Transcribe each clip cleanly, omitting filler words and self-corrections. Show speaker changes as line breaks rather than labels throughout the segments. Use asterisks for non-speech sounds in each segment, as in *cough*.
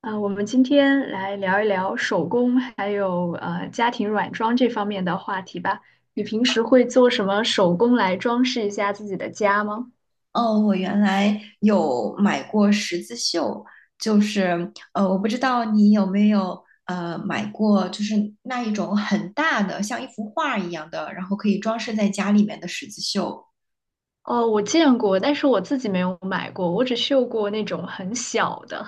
啊，我们今天来聊一聊手工还有家庭软装这方面的话题吧。你平时会做什么手工来装饰一下自己的家吗？
哦，我原来有买过十字绣，就是我不知道你有没有买过，就是那一种很大的，像一幅画一样的，然后可以装饰在家里面的十字绣。
哦，我见过，但是我自己没有买过，我只绣过那种很小的。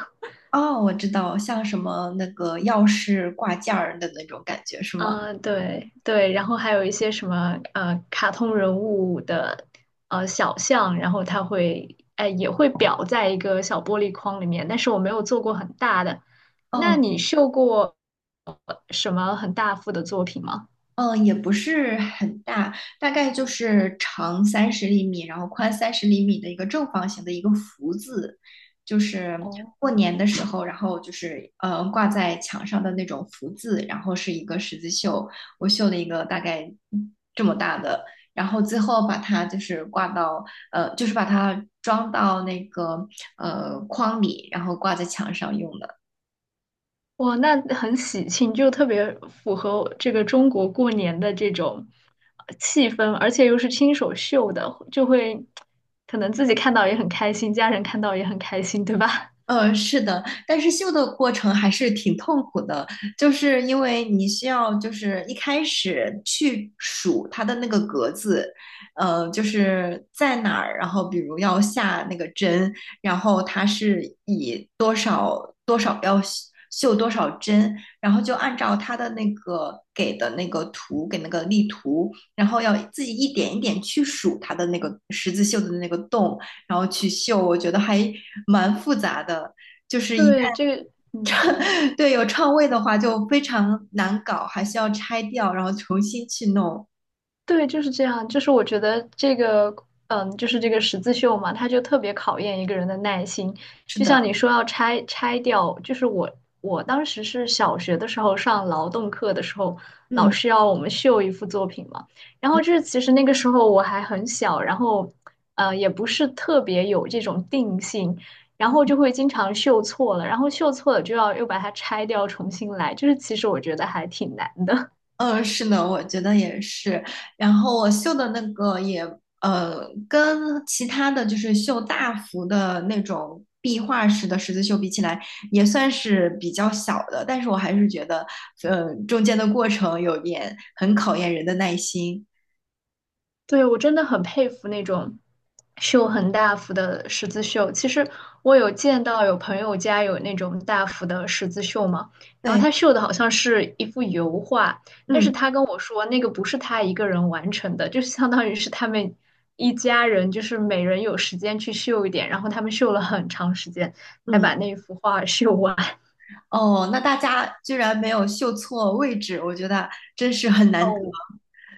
哦，我知道，像什么那个钥匙挂件儿的那种感觉是吗？
啊，对对，然后还有一些什么卡通人物的小像，然后它会也会裱在一个小玻璃框里面，但是我没有做过很大的。那
哦，
你绣过？什么很大幅的作品吗？
嗯，也不是很大，大概就是长三十厘米，然后宽三十厘米的一个正方形的一个福字，就是
哦，
过年的时候，然后就是挂在墙上的那种福字，然后是一个十字绣，我绣了一个大概这么大的，然后最后把它就是挂到就是把它装到那个框里，然后挂在墙上用的。
哇，那很喜庆，就特别符合这个中国过年的这种气氛，而且又是亲手绣的，就会可能自己看到也很开心，家人看到也很开心，对吧？
是的，但是绣的过程还是挺痛苦的，就是因为你需要就是一开始去数它的那个格子，就是在哪儿，然后比如要下那个针，然后它是以多少多少要绣多少针，然后就按照它的那个给的那个图，给那个例图，然后要自己一点一点去数它的那个十字绣的那个洞，然后去绣，我觉得还蛮复杂的。就是一旦
对，这个嗯。
对有串位的话，就非常难搞，还需要拆掉，然后重新去弄。
对，就是这样。就是我觉得这个，嗯，就是这个十字绣嘛，它就特别考验一个人的耐心。
是
就像
的，
你说要拆掉，就是我当时是小学的时候上劳动课的时候，老
嗯
师要我们绣一幅作品嘛。然后
嗯
就是其实那个时候我还很小，然后也不是特别有这种定性，然后就会经常绣错了，然后绣错了就要又把它拆掉重新来，就是其实我觉得还挺难的。
嗯，是的，我觉得也是。然后我绣的那个也跟其他的就是绣大幅的那种壁画式的十字绣比起来，也算是比较小的，但是我还是觉得，中间的过程有点很考验人的耐心。
对，我真的很佩服那种绣很大幅的十字绣。其实我有见到有朋友家有那种大幅的十字绣嘛，然后
对，
他绣的好像是一幅油画，但是
嗯
他跟我说那个不是他一个人完成的，就是相当于是他们一家人，就是每人有时间去绣一点，然后他们绣了很长时间才
嗯。
把那幅画绣完。
哦，那大家居然没有绣错位置，我觉得真是很难得。
哦，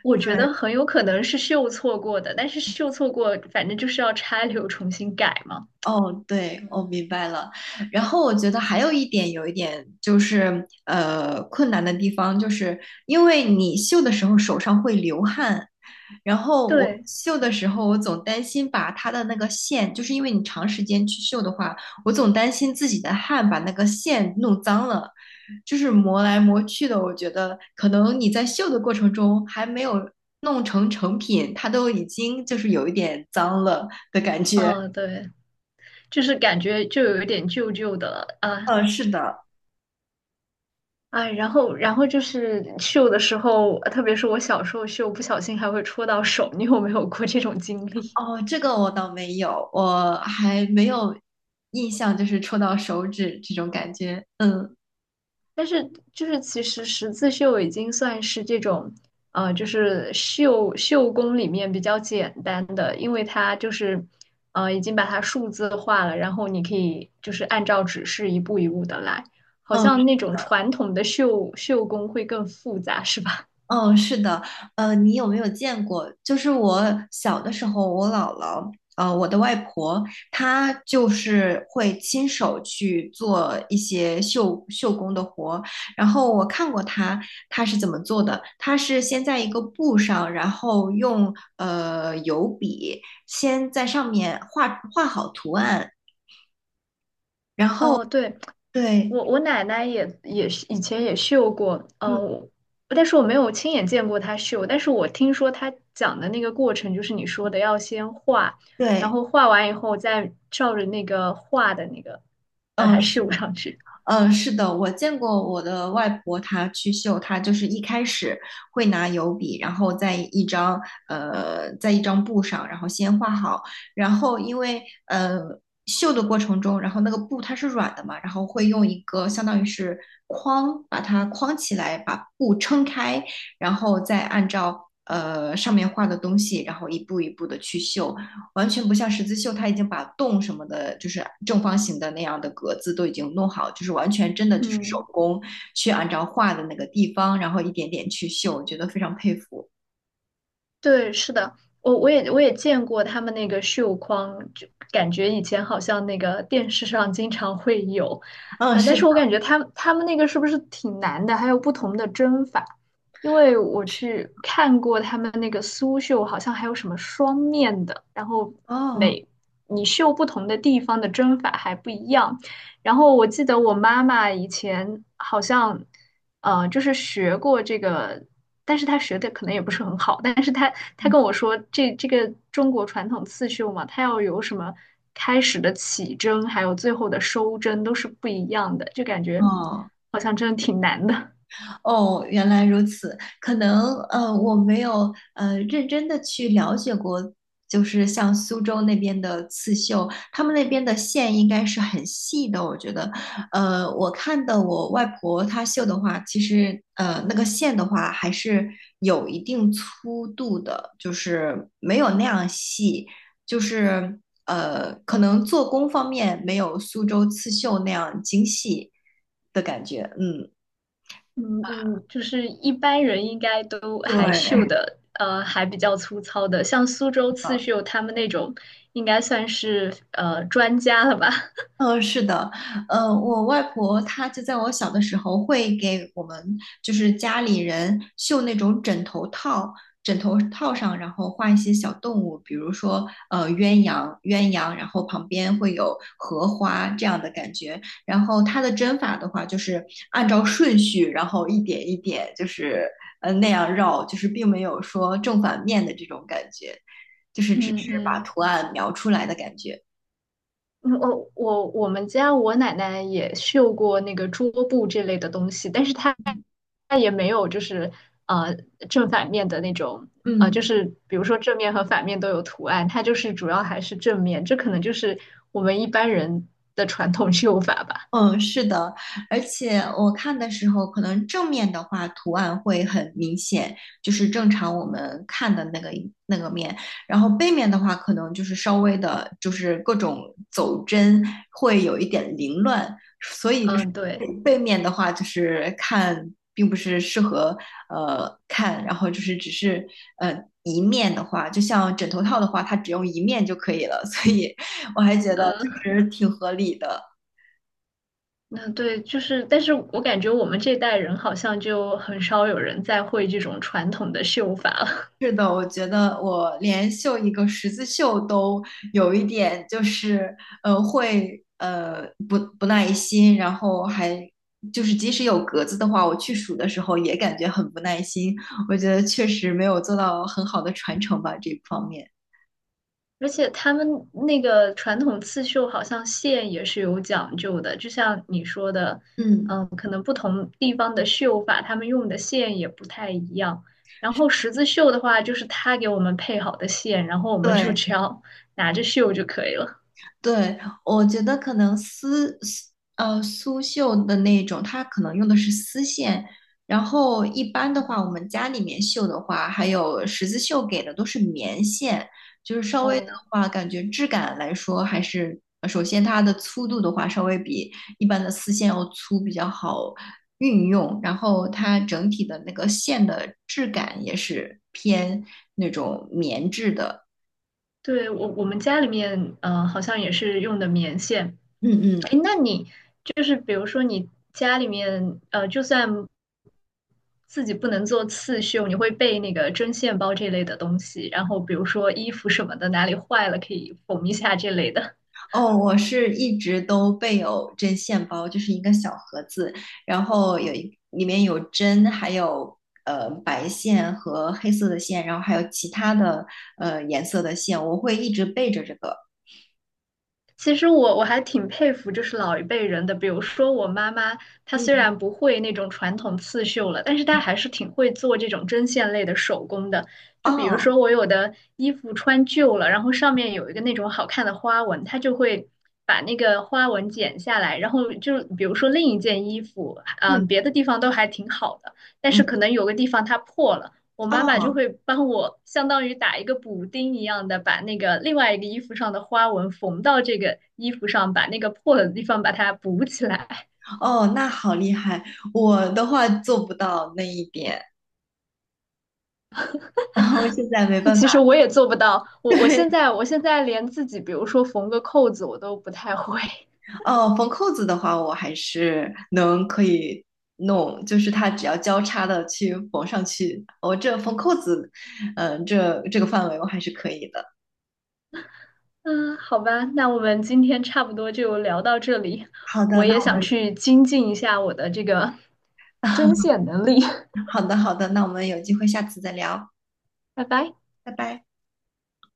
我觉得很有可能是绣错过的，但是绣错过，反正就是要拆流重新改嘛。
哦，对，我、明白了。然后我觉得还有一点，有一点就是困难的地方，就是因为你绣的时候手上会流汗，然后我
对，
绣的时候，我总担心把它的那个线，就是因为你长时间去绣的话，我总担心自己的汗把那个线弄脏了，就是磨来磨去的。我觉得可能你在绣的过程中还没有弄成成品，它都已经就是有一点脏了的感觉。
嗯，对，就是感觉就有一点旧旧的了啊。
嗯，是的。
然后就是绣的时候，特别是我小时候绣，不小心还会戳到手，你有没有过这种经历？
哦，这个我倒没有，我还没有印象，就是戳到手指这种感觉。嗯。
*laughs* 但是就是其实十字绣已经算是这种，就是绣绣工里面比较简单的，因为它就是已经把它数字化了，然后你可以就是按照指示一步一步的来，好像那种传统的绣绣工会更复杂，是吧？
嗯，是的，你有没有见过？就是我小的时候，我姥姥，我的外婆，她就是会亲手去做一些绣绣工的活。然后我看过她，她是怎么做的？她是先在一个布上，然后用油笔先在上面画好图案，然后
哦，对，
对，
我奶奶也是以前也绣过，
嗯，
我但是我没有亲眼见过她绣，但是我听说她讲的那个过程，就是你说的要先画，然
对，
后画完以后再照着那个画的那个把
嗯，
它
是。
绣上去。
嗯，是的，我见过我的外婆，她去绣，她就是一开始会拿油笔，然后在一张在一张布上，然后先画好，然后因为绣的过程中，然后那个布它是软的嘛，然后会用一个相当于是框把它框起来，把布撑开，然后再按照上面画的东西，然后一步一步的去绣，完全不像十字绣，它已经把洞什么的，就是正方形的那样的格子都已经弄好，就是完全真的就是手
嗯。
工去按照画的那个地方，然后一点点去绣，我觉得非常佩服。
对，是的，我也见过他们那个绣框，就感觉以前好像那个电视上经常会有。
嗯，
但
是的，
是我感觉他们那个是不是挺难的？还有不同的针法，因为我去看过他们那个苏绣，好像还有什么双面的，然后
哦，
每你绣不同的地方的针法还不一样。然后我记得我妈妈以前好像，就是学过这个。但是他学的可能也不是很好，但是他他跟我
嗯
说这个中国传统刺绣嘛，它要有什么开始的起针，还有最后的收针都是不一样的，就感觉
哦。
好像真的挺难的。
哦，原来如此。可能我没有认真的去了解过，就是像苏州那边的刺绣，他们那边的线应该是很细的。我觉得，我看的我外婆她绣的话，其实那个线的话还是有一定粗度的，就是没有那样细，就是可能做工方面没有苏州刺绣那样精细的感觉。嗯，
嗯嗯，就是一般人应该都还绣
对。
的，还比较粗糙的，像苏州刺绣他们那种，应该算是专家了吧？
是的，我外婆她就在我小的时候会给我们就是家里人绣那种枕头套，枕头套上然后画一些小动物，比如说鸳鸯，鸳鸯，然后旁边会有荷花这样的感觉。然后它的针法的话，就是按照顺序，然后一点一点就是那样绕，就是并没有说正反面的这种感觉，就
*laughs*
是只
嗯
是把
嗯。
图案描出来的感觉。
嗯我们家我奶奶也绣过那个桌布这类的东西，但是她她也没有就是呃正反面的那种，
嗯。
就是比如说正面和反面都有图案，它就是主要还是正面，这可能就是我们一般人的传统绣法吧。
嗯，是的，而且我看的时候，可能正面的话图案会很明显，就是正常我们看的那个一那个面，然后背面的话，可能就是稍微的，就是各种走针会有一点凌乱。
嗯，
背
对，
背面的话，就是看并不是适合看，然后就是只是呃一面的话，就像枕头套的话，它只用一面就可以了，所以我还觉得
嗯，
就是挺合理的。
那对，就是，但是我感觉我们这代人好像就很少有人再会这种传统的绣法了。
是的，我觉得我连绣一个十字绣都有一点，就是会不耐心，然后还就是即使有格子的话，我去数的时候也感觉很不耐心。我觉得确实没有做到很好的传承吧，这一方面。
而且他们那个传统刺绣好像线也是有讲究的，就像你说的。
嗯，
嗯，可能不同地方的绣法，他们用的线也不太一样。然后十字绣的话，就是他给我们配好的线，然后我们就
对。
只要 *laughs* 拿着绣就可以了。
对，我觉得可能苏绣的那种，它可能用的是丝线，然后一般的话，我们家里面绣的话，还有十字绣给的都是棉线，就是稍微的
哦，
话，感觉质感来说还是首先它的粗度的话，稍微比一般的丝线要粗，比较好运用，然后它整体的那个线的质感也是偏那种棉质的，
对，我们家里面，好像也是用的棉线。
嗯嗯。
诶，那你就是比如说你家里面，就算自己不能做刺绣，你会备那个针线包这类的东西，然后比如说衣服什么的哪里坏了可以缝一下这类的。
哦，我是一直都备有针线包，就是一个小盒子，然后有一里面有针，还有白线和黑色的线，然后还有其他的颜色的线，我会一直备着这个。
其实我还挺佩服，就是老一辈人的，比如说我妈妈，她虽
嗯，
然不会那种传统刺绣了，但是她还是挺会做这种针线类的手工的。就比如
哦，
说我有的衣服穿旧了，然后上面有一个那种好看的花纹，她就会把那个花纹剪下来，然后就比如说另一件衣服，
嗯，
别的地方都还挺好的，但是
嗯，
可能有个地方它破了。我妈妈就
哦。
会帮我，相当于打一个补丁一样的，把那个另外一个衣服上的花纹缝到这个衣服上，把那个破的地方把它补起来。
哦，那好厉害，我的话做不到那一点，*laughs* 然后现在没
*laughs*
办法。
其实我也做不到，我我
*laughs*
现
对。
在我现在连自己，比如说缝个扣子，我都不太会。
哦，缝扣子的话，我还是能可以弄，就是它只要交叉的去缝上去，我、这缝扣子，嗯、这这个范围我还是可以的。
*laughs* 嗯，好吧，那我们今天差不多就聊到这里。
好的，
我
那
也
我
想
们
去精进一下我的这个针
*laughs*
线能力。
好的好的，那我们有机会下次再聊，
*laughs* 拜拜。
拜拜。